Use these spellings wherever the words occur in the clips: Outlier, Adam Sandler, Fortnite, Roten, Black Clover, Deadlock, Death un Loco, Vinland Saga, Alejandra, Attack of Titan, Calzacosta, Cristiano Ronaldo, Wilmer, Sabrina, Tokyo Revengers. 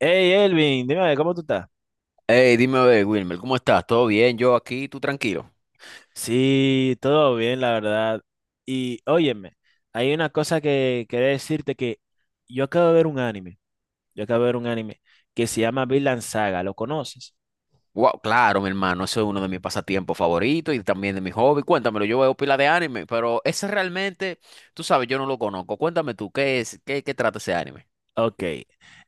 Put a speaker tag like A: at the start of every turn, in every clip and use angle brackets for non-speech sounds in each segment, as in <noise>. A: Hey Elvin, dime a ver, ¿cómo tú estás?
B: Hey, dime, a ver, Wilmer, ¿cómo estás? ¿Todo bien? Yo aquí, tú tranquilo.
A: Sí, todo bien, la verdad. Y óyeme, hay una cosa que quería decirte que yo acabo de ver un anime, yo acabo de ver un anime que se llama Vinland Saga, ¿lo conoces?
B: Wow, claro, mi hermano, eso es uno de mis pasatiempos favoritos y también de mi hobby. Cuéntamelo, yo veo pila de anime, pero ese realmente, tú sabes, yo no lo conozco. Cuéntame tú, ¿qué es? ¿Qué trata ese anime?
A: Ok,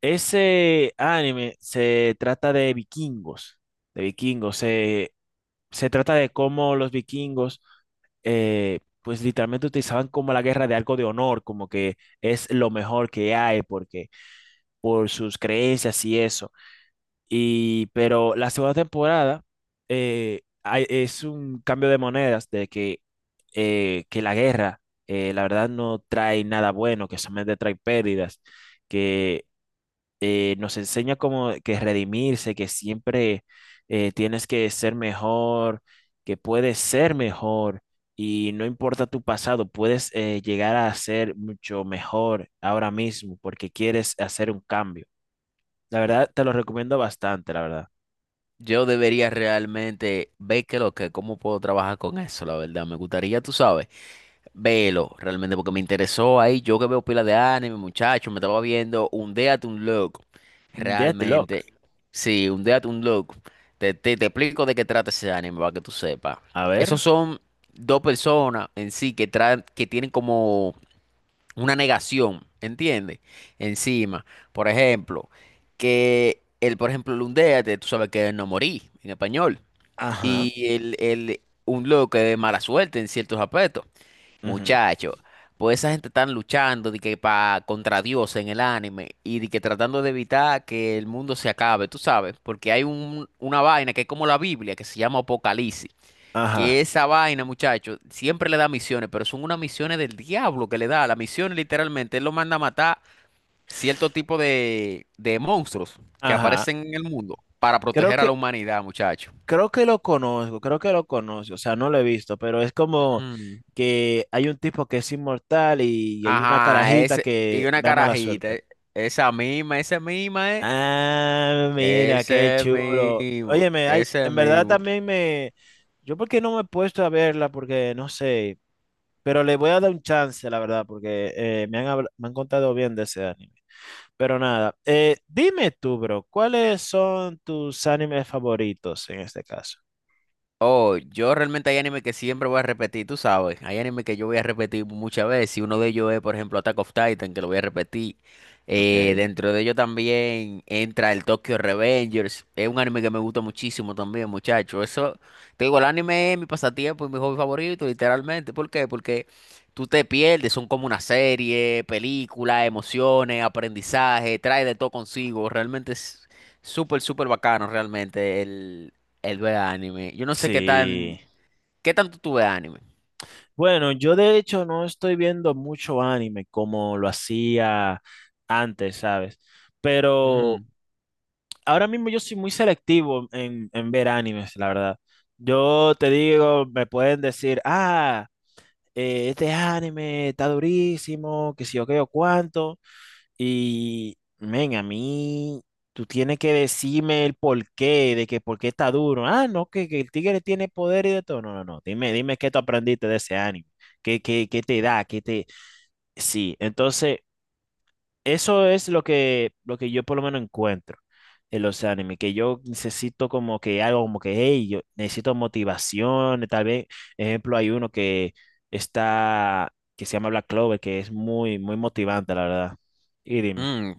A: ese anime se trata de vikingos, de vikingos, se, se trata de cómo los vikingos pues literalmente utilizaban como la guerra de algo de honor, como que es lo mejor que hay, porque por sus creencias y eso. Pero la segunda temporada es un cambio de monedas de que, eh, que la guerra, la verdad, no trae nada bueno, que solamente trae pérdidas, que nos enseña como que redimirse, que siempre tienes que ser mejor, que puedes ser mejor y no importa tu pasado, puedes llegar a ser mucho mejor ahora mismo porque quieres hacer un cambio. La verdad, te lo recomiendo bastante, la verdad.
B: Yo debería realmente ver qué lo que, cómo puedo trabajar con eso, la verdad. Me gustaría, tú sabes, verlo realmente porque me interesó ahí. Yo que veo pila de anime, muchacho, me estaba viendo un Death un Loco.
A: Deadlock.
B: Realmente, sí, un Death un Loco. Te explico de qué trata ese anime para que tú sepas.
A: A ver.
B: Esos son dos personas en sí que, traen, que tienen como una negación, ¿entiendes? Encima, por ejemplo, que él, por ejemplo, lundeate, tú sabes que es no morí en español.
A: Ajá,
B: Y el un loco que es mala suerte en ciertos aspectos.
A: ujú,
B: Muchacho, pues esa gente están luchando de que pa, contra Dios en el anime y de que tratando de evitar que el mundo se acabe, tú sabes, porque hay un, una vaina que es como la Biblia que se llama Apocalipsis. Que
A: ajá,
B: esa vaina, muchacho, siempre le da misiones, pero son unas misiones del diablo que le da. La misión literalmente, él lo manda a matar cierto tipo de monstruos que
A: ajá.
B: aparecen en el mundo para
A: Creo
B: proteger a la
A: que,
B: humanidad, muchacho.
A: creo que lo conozco, creo que lo conozco. O sea, no lo he visto, pero es como
B: Mm.
A: que hay un tipo que es inmortal y hay una
B: Ajá,
A: carajita
B: ese, y
A: que
B: una
A: da mala
B: carajita,
A: suerte.
B: esa misma,
A: Ah, mira, qué
B: ese
A: chulo.
B: mismo,
A: Óyeme, hay,
B: ese
A: en verdad
B: mismo.
A: también me... Yo porque no me he puesto a verla, porque no sé, pero le voy a dar un chance, la verdad, porque me han contado bien de ese anime. Pero nada, dime tú, bro, ¿cuáles son tus animes favoritos en este caso?
B: Oh, yo realmente hay anime que siempre voy a repetir, tú sabes. Hay anime que yo voy a repetir muchas veces. Y uno de ellos es, por ejemplo, Attack of Titan, que lo voy a repetir. Eh,
A: Ok.
B: dentro de ello también entra el Tokyo Revengers. Es un anime que me gusta muchísimo también, muchacho. Eso, te digo, el anime es mi pasatiempo y mi hobby favorito, literalmente. ¿Por qué? Porque tú te pierdes, son como una serie, película, emociones, aprendizaje, trae de todo consigo. Realmente es súper, súper bacano, realmente. Él ve anime. Yo no sé qué
A: Sí.
B: tan, qué tanto tú ves anime.
A: Bueno, yo de hecho no estoy viendo mucho anime como lo hacía antes, ¿sabes? Pero
B: Ujú.
A: ahora mismo yo soy muy selectivo en ver animes, la verdad. Yo te digo, me pueden decir, este anime está durísimo, que si yo qué o cuánto. Y, men, a mí, tú tienes que decirme el porqué, de que por qué está duro. Ah, no, que el tigre tiene poder y de todo. No, no, no. Dime, dime qué tú aprendiste de ese anime. ¿Qué, qué, qué te da? ¿Qué te... Sí, entonces, eso es lo que yo por lo menos encuentro en los animes, que yo necesito como que algo como que, hey, yo necesito motivación. Tal vez, ejemplo, hay uno que se llama Black Clover, que es muy, muy motivante, la verdad. Y dime.
B: Mm,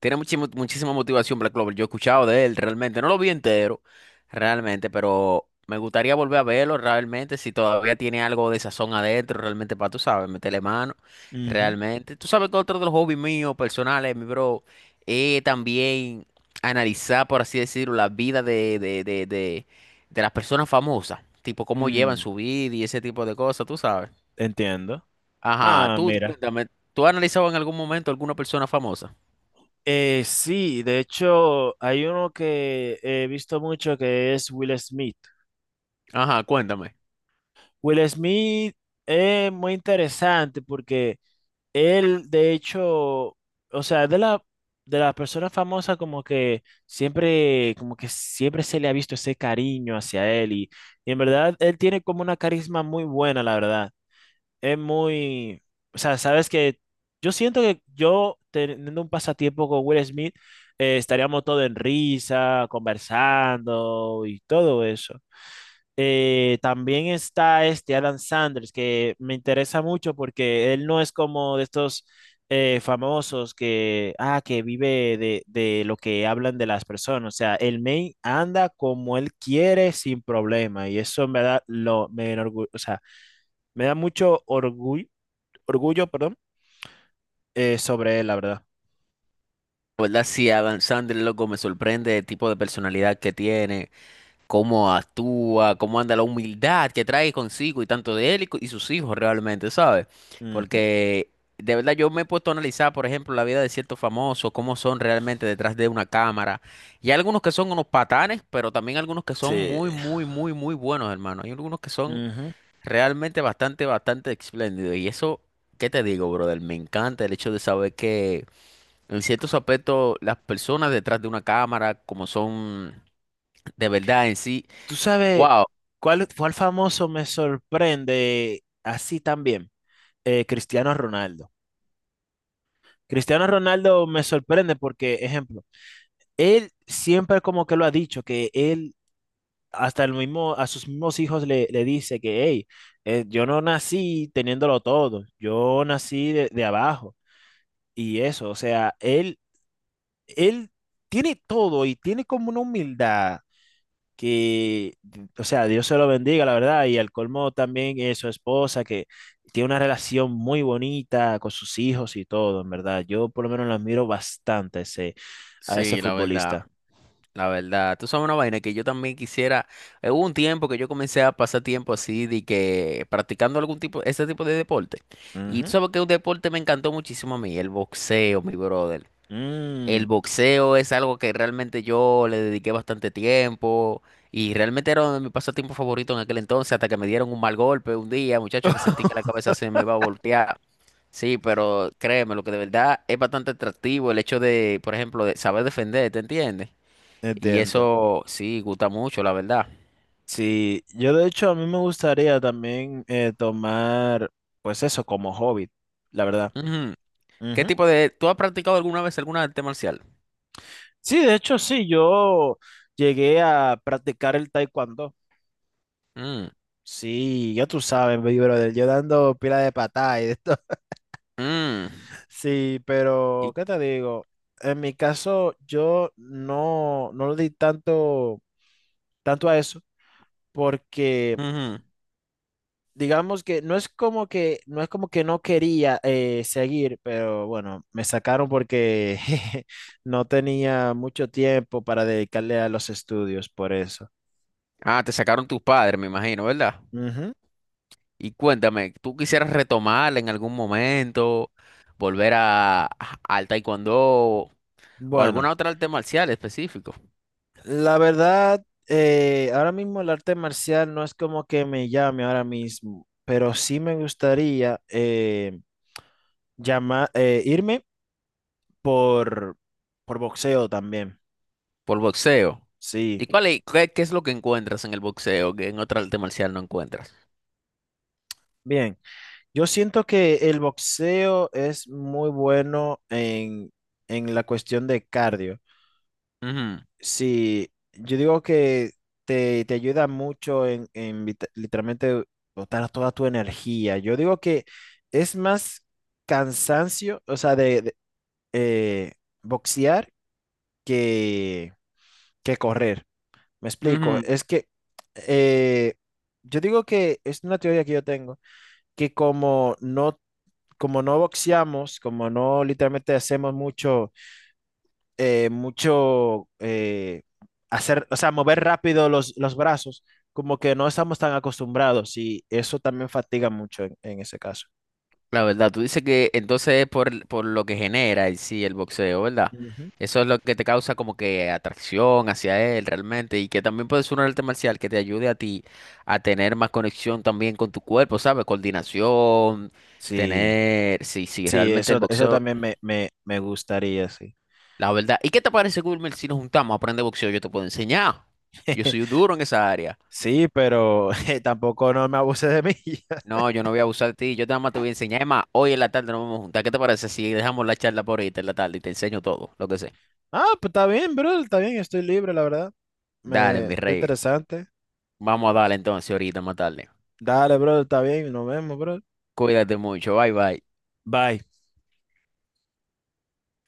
B: Tiene muchísimo- muchísima motivación Black Clover. Yo he escuchado de él realmente. No lo vi entero, realmente, pero me gustaría volver a verlo realmente. Si todavía tiene algo de sazón adentro, realmente, para tú sabes, meterle mano.
A: Ujú.
B: Realmente. Tú sabes que otro de los hobbies míos, personales, mi bro, es también analizar, por así decirlo, la vida de de las personas famosas. Tipo, cómo llevan
A: Mm,
B: su vida y ese tipo de cosas, tú sabes.
A: entiendo.
B: Ajá,
A: Ah,
B: tú
A: mira.
B: cuéntame, ¿tú has analizado en algún momento alguna persona famosa?
A: Sí, de hecho, hay uno que he visto mucho que es Will Smith.
B: Ajá, cuéntame.
A: Will Smith es muy interesante porque él, de hecho, o sea, de las personas famosas como que siempre se le ha visto ese cariño hacia él y en verdad él tiene como una carisma muy buena, la verdad. Es muy, o sea, sabes que yo siento que yo teniendo un pasatiempo con Will Smith, estaríamos todos en risa, conversando y todo eso. También está este Adam Sanders, que me interesa mucho porque él no es como de estos famosos que, ah, que vive de lo que hablan de las personas. O sea, el main anda como él quiere sin problema y eso en verdad o sea, me da mucho orgullo orgullo, perdón, sobre él, la verdad.
B: La ¿verdad? Sí, Adam Sandler, loco, me sorprende el tipo de personalidad que tiene, cómo actúa, cómo anda la humildad que trae consigo y tanto de él y, co- y sus hijos realmente, ¿sabes?
A: Ujú,
B: Porque de verdad yo me he puesto a analizar, por ejemplo, la vida de ciertos famosos, cómo son realmente detrás de una cámara. Y hay algunos que son unos patanes, pero también algunos que son
A: sí,
B: muy, muy, muy, muy buenos, hermano. Hay algunos que son
A: ujú.
B: realmente bastante, bastante espléndido. Y eso, ¿qué te digo, brother? Me encanta el hecho de saber que en ciertos aspectos las personas detrás de una cámara, como son de verdad en sí,
A: ¿Tú sabes
B: wow.
A: cuál, cuál famoso me sorprende así también? Cristiano Ronaldo. Cristiano Ronaldo me sorprende porque, ejemplo, él siempre como que lo ha dicho, que él hasta el mismo, a sus mismos hijos le, le dice que, hey, yo no nací teniéndolo todo, yo nací de abajo. Y eso, o sea, él tiene todo y tiene como una humildad que, o sea, Dios se lo bendiga, la verdad, y al colmo también es su esposa, que tiene una relación muy bonita con sus hijos y todo, en verdad. Yo por lo menos lo admiro bastante a ese
B: Sí, la verdad,
A: futbolista.
B: la verdad. Tú sabes una vaina que yo también quisiera. Hubo un tiempo que yo comencé a pasar tiempo así, de que practicando algún tipo, ese tipo de deporte. Y tú
A: Ujú.
B: sabes que un deporte me encantó muchísimo a mí, el boxeo, mi brother.
A: Mm,
B: El boxeo es algo que realmente yo le dediqué bastante tiempo y realmente era uno de mis pasatiempos favoritos en aquel entonces, hasta que me dieron un mal golpe un día, muchachos, que sentí que la cabeza se me iba a voltear. Sí, pero créeme, lo que de verdad es bastante atractivo el hecho de, por ejemplo, de saber defender, ¿te entiendes? Y
A: entiendo.
B: eso sí, gusta mucho, la verdad.
A: Sí, yo de hecho a mí me gustaría también pues eso, como hobby, la verdad.
B: Ujú. ¿Qué
A: Ujú.
B: tipo de... ¿Tú has practicado alguna vez alguna arte marcial?
A: Sí, de hecho sí, yo llegué a practicar el taekwondo.
B: Mm,
A: Sí, ya tú sabes, mi brother, yo dando pila de patada y de esto. <laughs>
B: mm,
A: Sí, pero
B: y-
A: ¿qué te digo? En mi caso, yo no, no le di tanto, tanto a eso, porque
B: ujú.
A: digamos que no es como que no es como que no quería seguir, pero bueno, me sacaron porque <laughs> no tenía mucho tiempo para dedicarle a los estudios, por eso.
B: Ah, te sacaron tus padres, me imagino, ¿verdad?
A: Ujú.
B: Y cuéntame, ¿tú quisieras retomar en algún momento, volver a- al taekwondo o
A: Bueno.
B: alguna otra arte marcial específico
A: La verdad, ahora mismo el arte marcial no es como que me llame ahora mismo, pero sí me gustaría irme por, por boxeo también.
B: por boxeo?
A: Sí,
B: ¿Y cuál es, qué, qué es lo que encuentras en el boxeo que en otra arte marcial no encuentras?
A: bien. Yo siento que el boxeo es muy bueno en la cuestión de cardio. Sí, yo digo que te ayuda mucho en, literalmente botar toda tu energía. Yo digo que es más cansancio, o sea, eh, boxear que, que correr. Me
B: Ujú,
A: explico,
B: ujú.
A: es que eh, yo digo que es una teoría que yo tengo, que como no boxeamos, como no literalmente hacemos mucho eh, mucho eh, hacer, o sea, mover rápido los brazos, como que no estamos tan acostumbrados y eso también fatiga mucho en ese caso.
B: La verdad, tú dices que entonces es por lo que genera en sí el boxeo, ¿verdad?
A: Ujú.
B: Eso es lo que te causa como que atracción hacia él realmente y que también puede ser un arte marcial que te ayude a ti a tener más conexión también con tu cuerpo, ¿sabes? Coordinación,
A: Sí,
B: tener, sí, sí,
A: sí,
B: realmente el
A: eso
B: boxeo,
A: también me gustaría, sí.
B: la verdad. ¿Y qué te parece, Wilmer, si nos juntamos a aprender boxeo? Yo te puedo enseñar. Yo soy un
A: <laughs>
B: duro en esa área.
A: Sí, pero <laughs> tampoco no me abuse de mí. <laughs>
B: No, yo no voy a abusar de ti, yo nada más te voy a enseñar. Es más, hoy en la tarde nos vamos a juntar. ¿Qué te parece si dejamos la charla por ahorita en la tarde y te enseño todo, lo que sé?
A: Ah, pues está bien, bro, está bien, estoy libre, la verdad.
B: Dale,
A: Me,
B: mi
A: está
B: rey.
A: interesante.
B: Vamos a darle entonces ahorita más tarde.
A: Dale, bro, está bien, nos vemos, bro.
B: Cuídate mucho. Bye bye.
A: Bye.